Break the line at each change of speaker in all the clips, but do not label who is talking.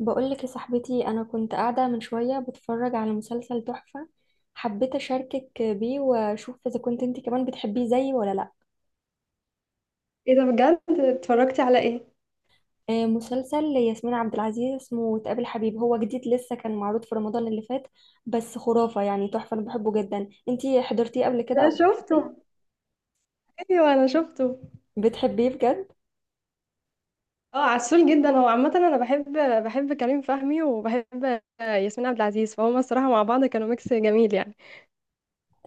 بقولك يا صاحبتي، أنا كنت قاعدة من شوية بتفرج على مسلسل تحفة. حبيت أشاركك بيه وأشوف إذا كنت أنت كمان بتحبيه زيي ولا لأ.
ايه ده بجد؟ اتفرجتي على ايه؟
مسلسل ياسمين عبد العزيز اسمه تقابل حبيب. هو جديد لسه، كان معروض في رمضان اللي فات، بس خرافة يعني تحفة. أنا بحبه جدا. أنت حضرتيه قبل كده
انا
أو بتحبيه؟
شفته، ايوه انا شفته.
بتحبيه بجد.
اه عسول جدا، هو عامه انا بحب كريم فهمي وبحب ياسمين عبد العزيز، فهما الصراحه مع بعض كانوا ميكس جميل يعني.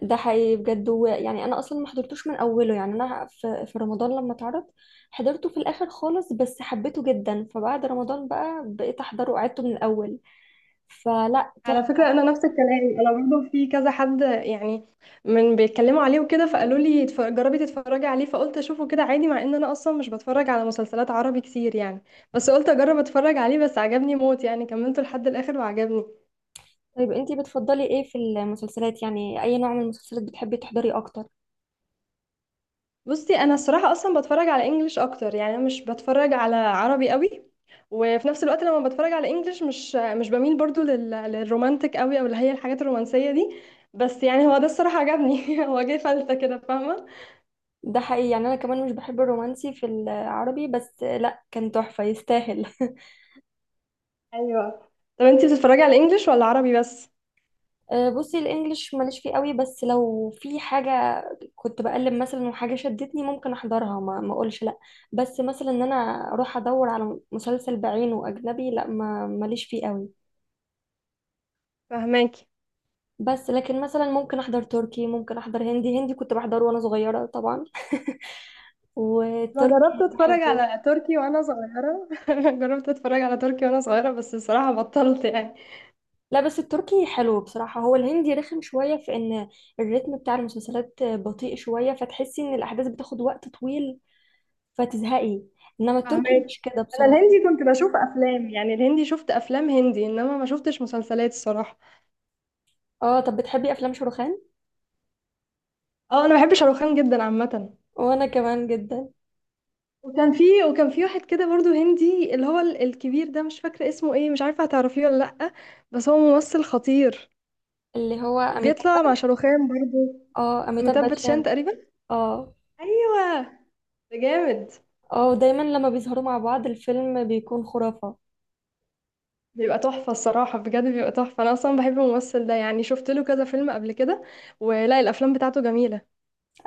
ده حقيقي بجد يعني انا اصلا ما حضرتوش من اوله. يعني انا في رمضان لما اتعرض حضرته في الاخر خالص، بس حبيته جدا. فبعد رمضان بقى بقيت احضره وقعدته من الاول. فلا،
على
تحفة.
فكره انا نفس الكلام، انا برضه في كذا حد يعني من بيتكلموا عليه وكده، فقالوا لي جربي تتفرجي عليه، فقلت اشوفه كده عادي، مع ان انا اصلا مش بتفرج على مسلسلات عربي كتير يعني. بس قلت اجرب اتفرج عليه، بس عجبني موت يعني، كملته لحد الاخر وعجبني.
طيب انتي بتفضلي ايه في المسلسلات؟ يعني اي نوع من المسلسلات بتحبي تحضري اكتر؟
بصي انا الصراحه اصلا بتفرج على انجليش اكتر يعني، انا مش بتفرج على عربي قوي، وفي نفس الوقت لما بتفرج على انجليش مش بميل برضو للرومانتك قوي، او اللي هي الحاجات الرومانسيه دي. بس يعني هو ده الصراحه عجبني هو جه فلتة كده، فاهمه.
ده حقيقي، يعني انا كمان مش بحب الرومانسي في العربي، بس لا، كان تحفة يستاهل.
ايوه. طب انتي بتتفرجي على انجليش ولا عربي بس؟
بصي، الانجليش ماليش فيه قوي، بس لو في حاجة كنت بقلب مثلا وحاجة شدتني ممكن احضرها، ما اقولش لا. بس مثلا ان انا اروح ادور على مسلسل بعينه اجنبي، لا، ما ماليش فيه قوي.
فهماكي.
بس لكن مثلا ممكن احضر تركي، ممكن احضر هندي. هندي كنت بحضره وانا صغيرة طبعا.
انا جربت
والتركي
اتفرج
بحبه.
على تركي وانا صغيره جربت اتفرج على تركي وانا صغيره، بس الصراحه بطلت يعني.
لا بس التركي حلو بصراحة. هو الهندي رخم شوية في ان الريتم بتاع المسلسلات بطيء شوية، فتحسي ان الاحداث بتاخد وقت طويل فتزهقي. انما التركي
فاهمك.
مش كده
انا
بصراحة.
الهندي كنت بشوف افلام، يعني الهندي شفت افلام هندي، انما ما شفتش مسلسلات الصراحه.
اه، طب بتحبي افلام شاروخان؟
اه انا بحب شاروخان جدا عامه.
وانا كمان جدا.
وكان في وكان في واحد كده برضو هندي، اللي هو الكبير ده، مش فاكره اسمه ايه، مش عارفه هتعرفيه ولا لا، بس هو ممثل خطير،
اللي هو اميتاب.
بيطلع مع شاروخان برضو،
اه، اميتاب
متبت شان
باتشان.
تقريبا.
اه.
ايوه. ده جامد.
اه، دايما لما بيظهروا مع بعض الفيلم بيكون خرافة.
بيبقى تحفه الصراحه بجد، بيبقى تحفه، انا اصلا بحب الممثل ده، يعني شفت له كذا فيلم قبل كده، ولا الافلام بتاعته جميله.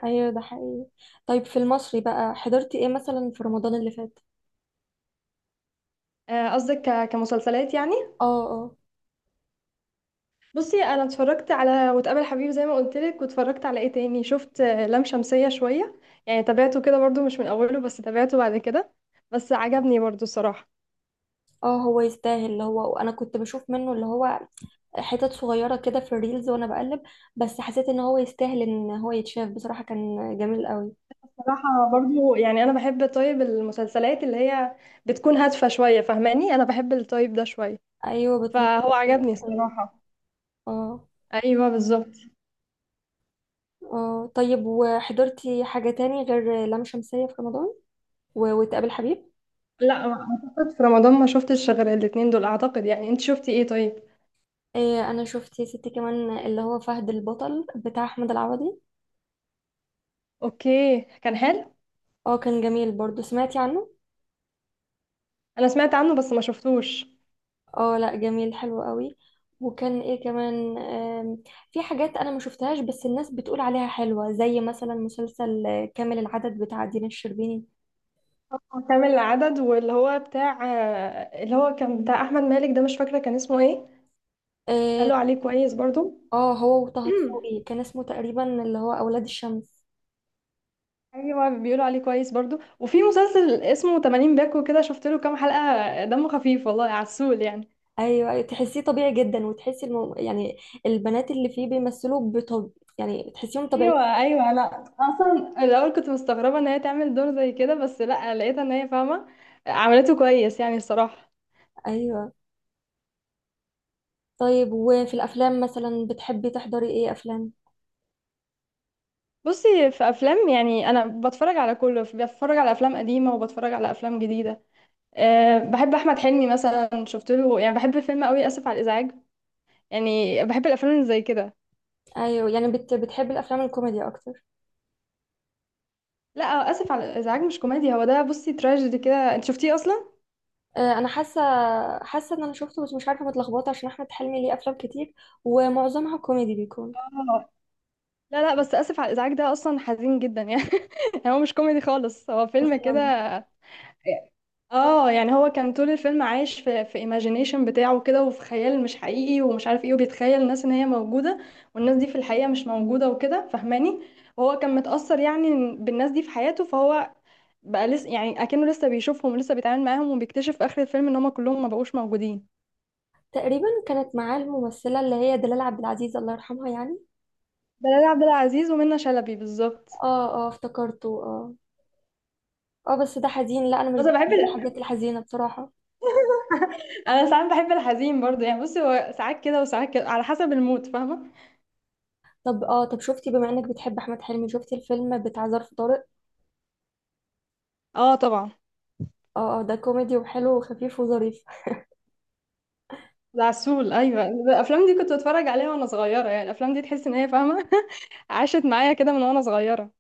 ايوه ده حقيقي. طيب، في المصري بقى حضرتي ايه مثلا في رمضان اللي فات؟
قصدك كمسلسلات يعني.
اه. اه.
بصي انا اتفرجت على وتقابل حبيب زي ما قلت لك، واتفرجت على ايه تاني؟ شفت لام شمسية شوية، يعني تابعته كده برضو مش من اوله بس تابعته بعد كده، بس عجبني برضو الصراحة.
اه، هو يستاهل. اللي هو انا كنت بشوف منه اللي هو حتت صغيرة كده في الريلز وانا بقلب، بس حسيت ان هو يستاهل ان هو يتشاف. بصراحة كان جميل قوي.
صراحة برضو يعني انا بحب طيب المسلسلات اللي هي بتكون هادفة شوية، فاهماني؟ انا بحب الطيب ده شوية،
ايوه،
فهو
بتناقش
عجبني
قضية.
الصراحة.
اه.
ايوه بالظبط.
اه، طيب وحضرتي حاجة تاني غير لام شمسية في رمضان وتقابل حبيب؟
لا اعتقد في رمضان ما شفتش غير الاتنين دول اعتقد، يعني انت شفتي ايه طيب؟
إيه، انا شفت يا ستي كمان اللي هو فهد البطل بتاع احمد العوضي.
اوكي كان حلو.
اه، كان جميل برضو. سمعتي عنه؟
انا سمعت عنه بس ما شفتوش.
اه لا، جميل حلو قوي. وكان ايه كمان؟ في حاجات انا ما شفتهاش بس الناس بتقول عليها حلوة، زي مثلا مسلسل كامل العدد بتاع دينا الشربيني.
كام العدد، واللي هو بتاع، اللي هو كان بتاع احمد مالك ده، مش فاكره كان اسمه ايه،
اه.
قالوا عليه كويس برضو.
هو وطه دسوقي كان اسمه تقريبا اللي هو اولاد الشمس.
ايوه بيقولوا عليه كويس برضو. وفي مسلسل اسمه 80 باكو، كده شفت له كام حلقه دمه خفيف والله عسول يعني.
ايوه. أيوة، تحسيه طبيعي جدا، وتحسي يعني البنات اللي فيه بيمثلوا بطب، يعني تحسيهم طبيعيين.
ايوه ايوه، لا اصلا الاول كنت مستغربه ان هي تعمل دور زي كده، بس لا لقيتها ان هي فاهمه، عملته كويس يعني الصراحه.
ايوه. طيب، وفي الافلام مثلا بتحبي تحضري ايه افلام؟
بصي في افلام يعني انا بتفرج على كله، بتفرج على افلام قديمه وبتفرج على افلام جديده. أه بحب احمد حلمي مثلا، شفت له يعني، بحب الفيلم قوي اسف على الازعاج، يعني بحب الافلام اللي زي كده.
ايوه، يعني بتحبي الافلام الكوميدي اكتر؟
لا اسف على الازعاج مش كوميدي، هو ده بصي تراجيدي كده، انت شفتيه اصلا؟
انا حاسه ان انا شفته بس مش عارفه متلخبطه عشان احمد حلمي ليه افلام كتير، ومعظمها كوميدي بيكون.
اه لا لا، بس اسف على الازعاج ده اصلا حزين جدا يعني هو مش كوميدي خالص، هو فيلم كده.
اصلا
اه يعني هو كان طول الفيلم عايش في ايماجينيشن بتاعه كده، وفي خيال مش حقيقي ومش عارف ايه، وبيتخيل الناس ان هي موجوده، والناس دي في الحقيقه مش موجوده وكده فاهماني، وهو كان متأثر يعني بالناس دي في حياته، فهو بقى لسه يعني اكنه لسه بيشوفهم ولسه بيتعامل معاهم، وبيكتشف في اخر الفيلم ان هم كلهم ما بقوش موجودين.
تقريبا كانت معاه الممثله اللي هي دلال عبد العزيز الله يرحمها يعني.
دلال عبد العزيز ومنى شلبي بالظبط.
اه. اه افتكرته، اه. اه بس ده حزين، لا انا مش
بس أنا بحب
بحب
ال...
الحاجات الحزينه بصراحه.
انا ساعات بحب الحزين برضو يعني، بصي هو ساعات كده وساعات كده على حسب المود فاهمه.
طب، طب شفتي بما انك بتحب احمد حلمي، شفتي الفيلم بتاع ظرف طارق؟
اه طبعا.
اه. اه، ده كوميدي وحلو وخفيف وظريف.
العسول ايوه، الافلام دي كنت بتفرج عليها وانا صغيره يعني، الافلام دي تحس ان هي فاهمه عاشت معايا كده من وانا صغيره.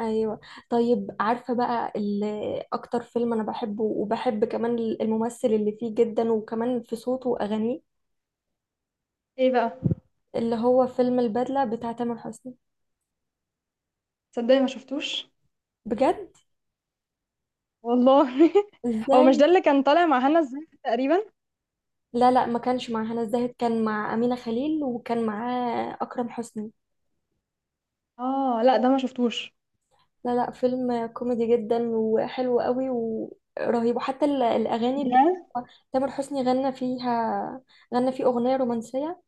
ايوه. طيب، عارفه بقى اكتر فيلم انا بحبه وبحب كمان الممثل اللي فيه جدا وكمان في صوته واغانيه؟
ايه بقى؟
اللي هو فيلم البدله بتاع تامر حسني.
تصدقي ما شفتوش
بجد؟
والله هو مش
ازاي؟
ده اللي كان طالع مع هنا الزاهد تقريبا؟
لا لا، ما كانش مع هنا الزاهد، كان مع امينه خليل وكان معاه اكرم حسني.
اه لا ده ما شفتوش
لا لا، فيلم كوميدي جدا وحلو قوي ورهيب، وحتى الاغاني اللي فيه
بجد.
تامر حسني غنى فيها. غنى فيه اغنيه رومانسيه،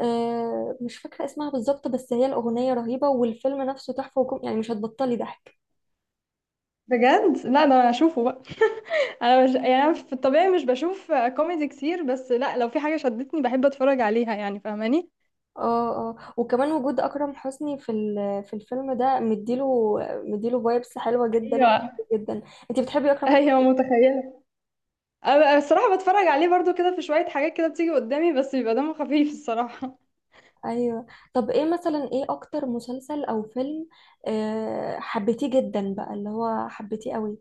مش فاكرة اسمها بالظبط، بس هي الأغنية رهيبة، والفيلم نفسه تحفة وكم يعني مش هتبطلي ضحك.
بجد؟ لا ده انا اشوفه بقى. انا مش، يعني أنا في الطبيعي مش بشوف كوميدي كتير، بس لا لو في حاجه شدتني بحب اتفرج عليها يعني فاهماني.
اه. اه، وكمان وجود أكرم حسني في في الفيلم ده مديله فايبس حلوة جدا
ايوه
جدا. انتي بتحبي أكرم حسني؟
ايوه متخيله. أنا الصراحه بتفرج عليه برضو كده، في شويه حاجات كده بتيجي قدامي، بس بيبقى دمه خفيف الصراحه.
ايوه. طب ايه مثلا، ايه اكتر مسلسل او فيلم حبيتيه جدا بقى؟ اللي هو حبيتيه قوي.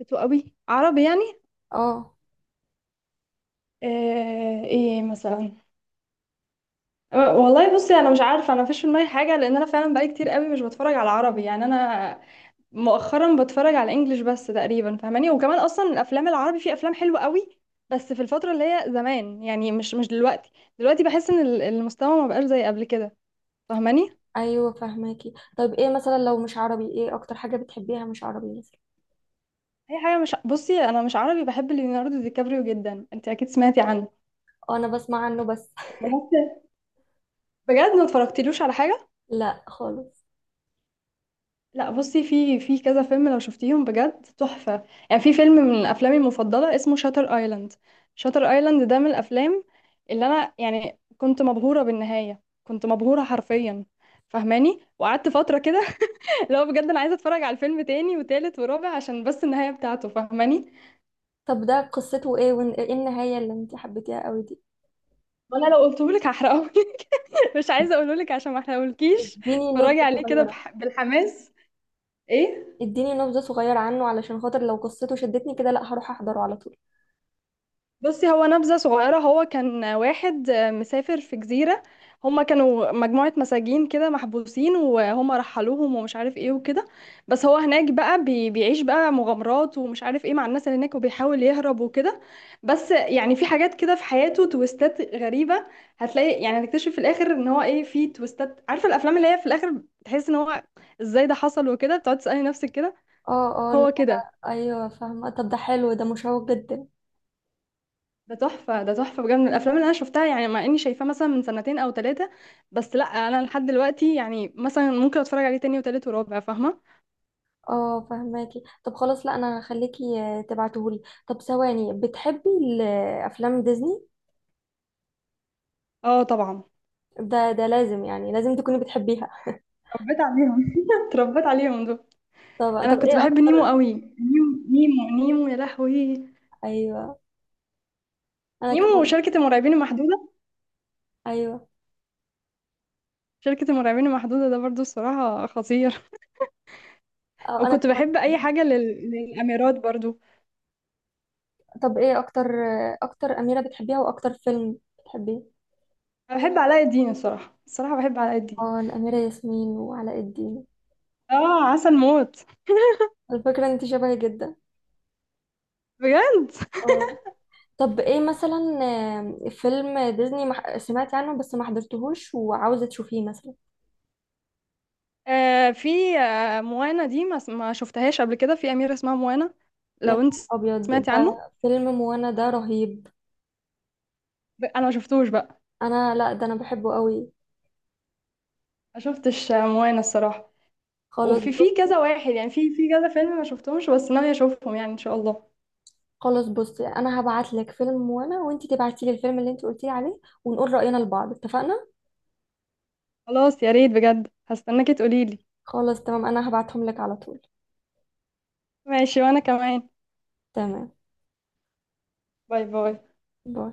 بتو قوي عربي يعني.
اه.
ايه مثلا؟ والله بصي انا مش عارفه، انا مفيش في دماغي حاجه، لان انا فعلا بقالي كتير قوي مش بتفرج على عربي يعني، انا مؤخرا بتفرج على انجليش بس تقريبا فاهماني، وكمان اصلا الافلام العربي في افلام حلوه قوي بس في الفتره اللي هي زمان يعني، مش دلوقتي. دلوقتي بحس ان المستوى ما بقاش زي قبل كده، فاهماني.
ايوه فهماكي. طيب ايه مثلا لو مش عربي؟ ايه اكتر حاجة بتحبيها مش عربي مثلا؟
اي حاجه، مش، بصي انا مش عربي، بحب ليوناردو دي كابريو جدا، انت اكيد سمعتي عنه،
انا بسمع عنه بس.
الممثل؟ بجد ما اتفرجتلوش على حاجه.
لا خالص.
لا بصي في كذا فيلم لو شفتيهم بجد تحفة، يعني في فيلم من أفلامي المفضلة اسمه شاتر ايلاند، شاتر ايلاند ده من الأفلام اللي أنا يعني كنت مبهورة بالنهاية، كنت مبهورة حرفيا فاهماني، وقعدت فترة كده لو بجد أنا عايزة أتفرج على الفيلم تاني وتالت ورابع عشان بس النهاية بتاعته فاهماني.
طب ده قصته ايه وايه النهاية اللي انت حبيتيها قوي دي؟
وأنا لو قلتهولك هحرقهولك مش عايزة أقولهولك عشان ما أحرقهولكيش،
اديني
اتفرجي
نبذة
عليه كده
صغيرة.
بالحماس. ايه.
اديني نبذة صغيرة عنه علشان خاطر لو قصته شدتني كده لا هروح احضره على طول.
بصي هو نبذة صغيرة، هو كان واحد مسافر في جزيرة، هما كانوا مجموعة مساجين كده محبوسين، وهما رحلوهم ومش عارف ايه وكده، بس هو هناك بقى بيعيش بقى مغامرات ومش عارف ايه مع الناس اللي هناك، وبيحاول يهرب وكده، بس يعني في حاجات كده في حياته تويستات غريبة، هتلاقي يعني هنكتشف في الآخر ان هو ايه، في تويستات، عارفة الأفلام اللي هي في الآخر تحس ان هو ازاي ده حصل وكده، بتقعد تسألي نفسك كده،
اه. اه. لا.
هو كده.
ايوه فاهمة. طب ده حلو، ده مشوق جدا.
ده تحفة، ده تحفة بجد، من الأفلام اللي أنا شفتها، يعني مع إني شايفاه مثلا من سنتين أو ثلاثة، بس لأ أنا لحد دلوقتي يعني مثلا ممكن أتفرج عليه تاني وتالت ورابع، فاهمة؟
اه فهماكي. طب خلاص، لا انا هخليكي تبعتهولي. طب ثواني، بتحبي افلام ديزني؟
اه طبعا.
ده لازم، يعني لازم تكوني بتحبيها.
اتربيت عليهم اتربيت عليهم دول.
طب
أنا
طب
كنت
ايه
بحب نيمو
اكتر.
قوي، نيمو، نيمو، نيمو يا لهوي،
ايوه انا
نيمو
كمان.
وشركة المرعبين المحدودة،
ايوه.
شركة المرعبين المحدودة ده برضو الصراحة خطير،
اه انا
وكنت
كمان.
بحب أي حاجة للأميرات برضو.
طب ايه اكتر. اكتر اميره بتحبيها واكتر فيلم بتحبيه؟
أنا بحب علاء الدين الصراحة، الصراحة بحب علاء الدين،
اه، الاميره ياسمين وعلاء الدين.
اه عسل موت.
على فكره انت شبهي جدا.
بجد؟
اه. طب ايه مثلا فيلم ديزني سمعت عنه بس ما حضرتهوش وعاوزه تشوفيه مثلا؟
في موانا دي، ما شفتهاش قبل كده، في أميرة اسمها موانا
يا
لو انت
نهار ابيض،
سمعتي عنه.
ده فيلم موانا ده رهيب!
انا ما شفتوش بقى،
انا لا، ده انا بحبه قوي.
ما شفتش موانا الصراحة.
خلاص
وفي
بص
كذا واحد يعني، في كذا فيلم ما شفتهمش بس ناوية اشوفهم يعني ان شاء الله.
خلاص بصي، انا هبعت لك فيلم موانا وانت تبعتي لي الفيلم اللي انت قلتي لي عليه ونقول راينا لبعض. اتفقنا؟
خلاص يا ريت بجد، هستناكي تقوليلي.
خلاص تمام، انا هبعتهم لك على طول.
ماشي وانا كمان.
تمام.
باي باي.
باي.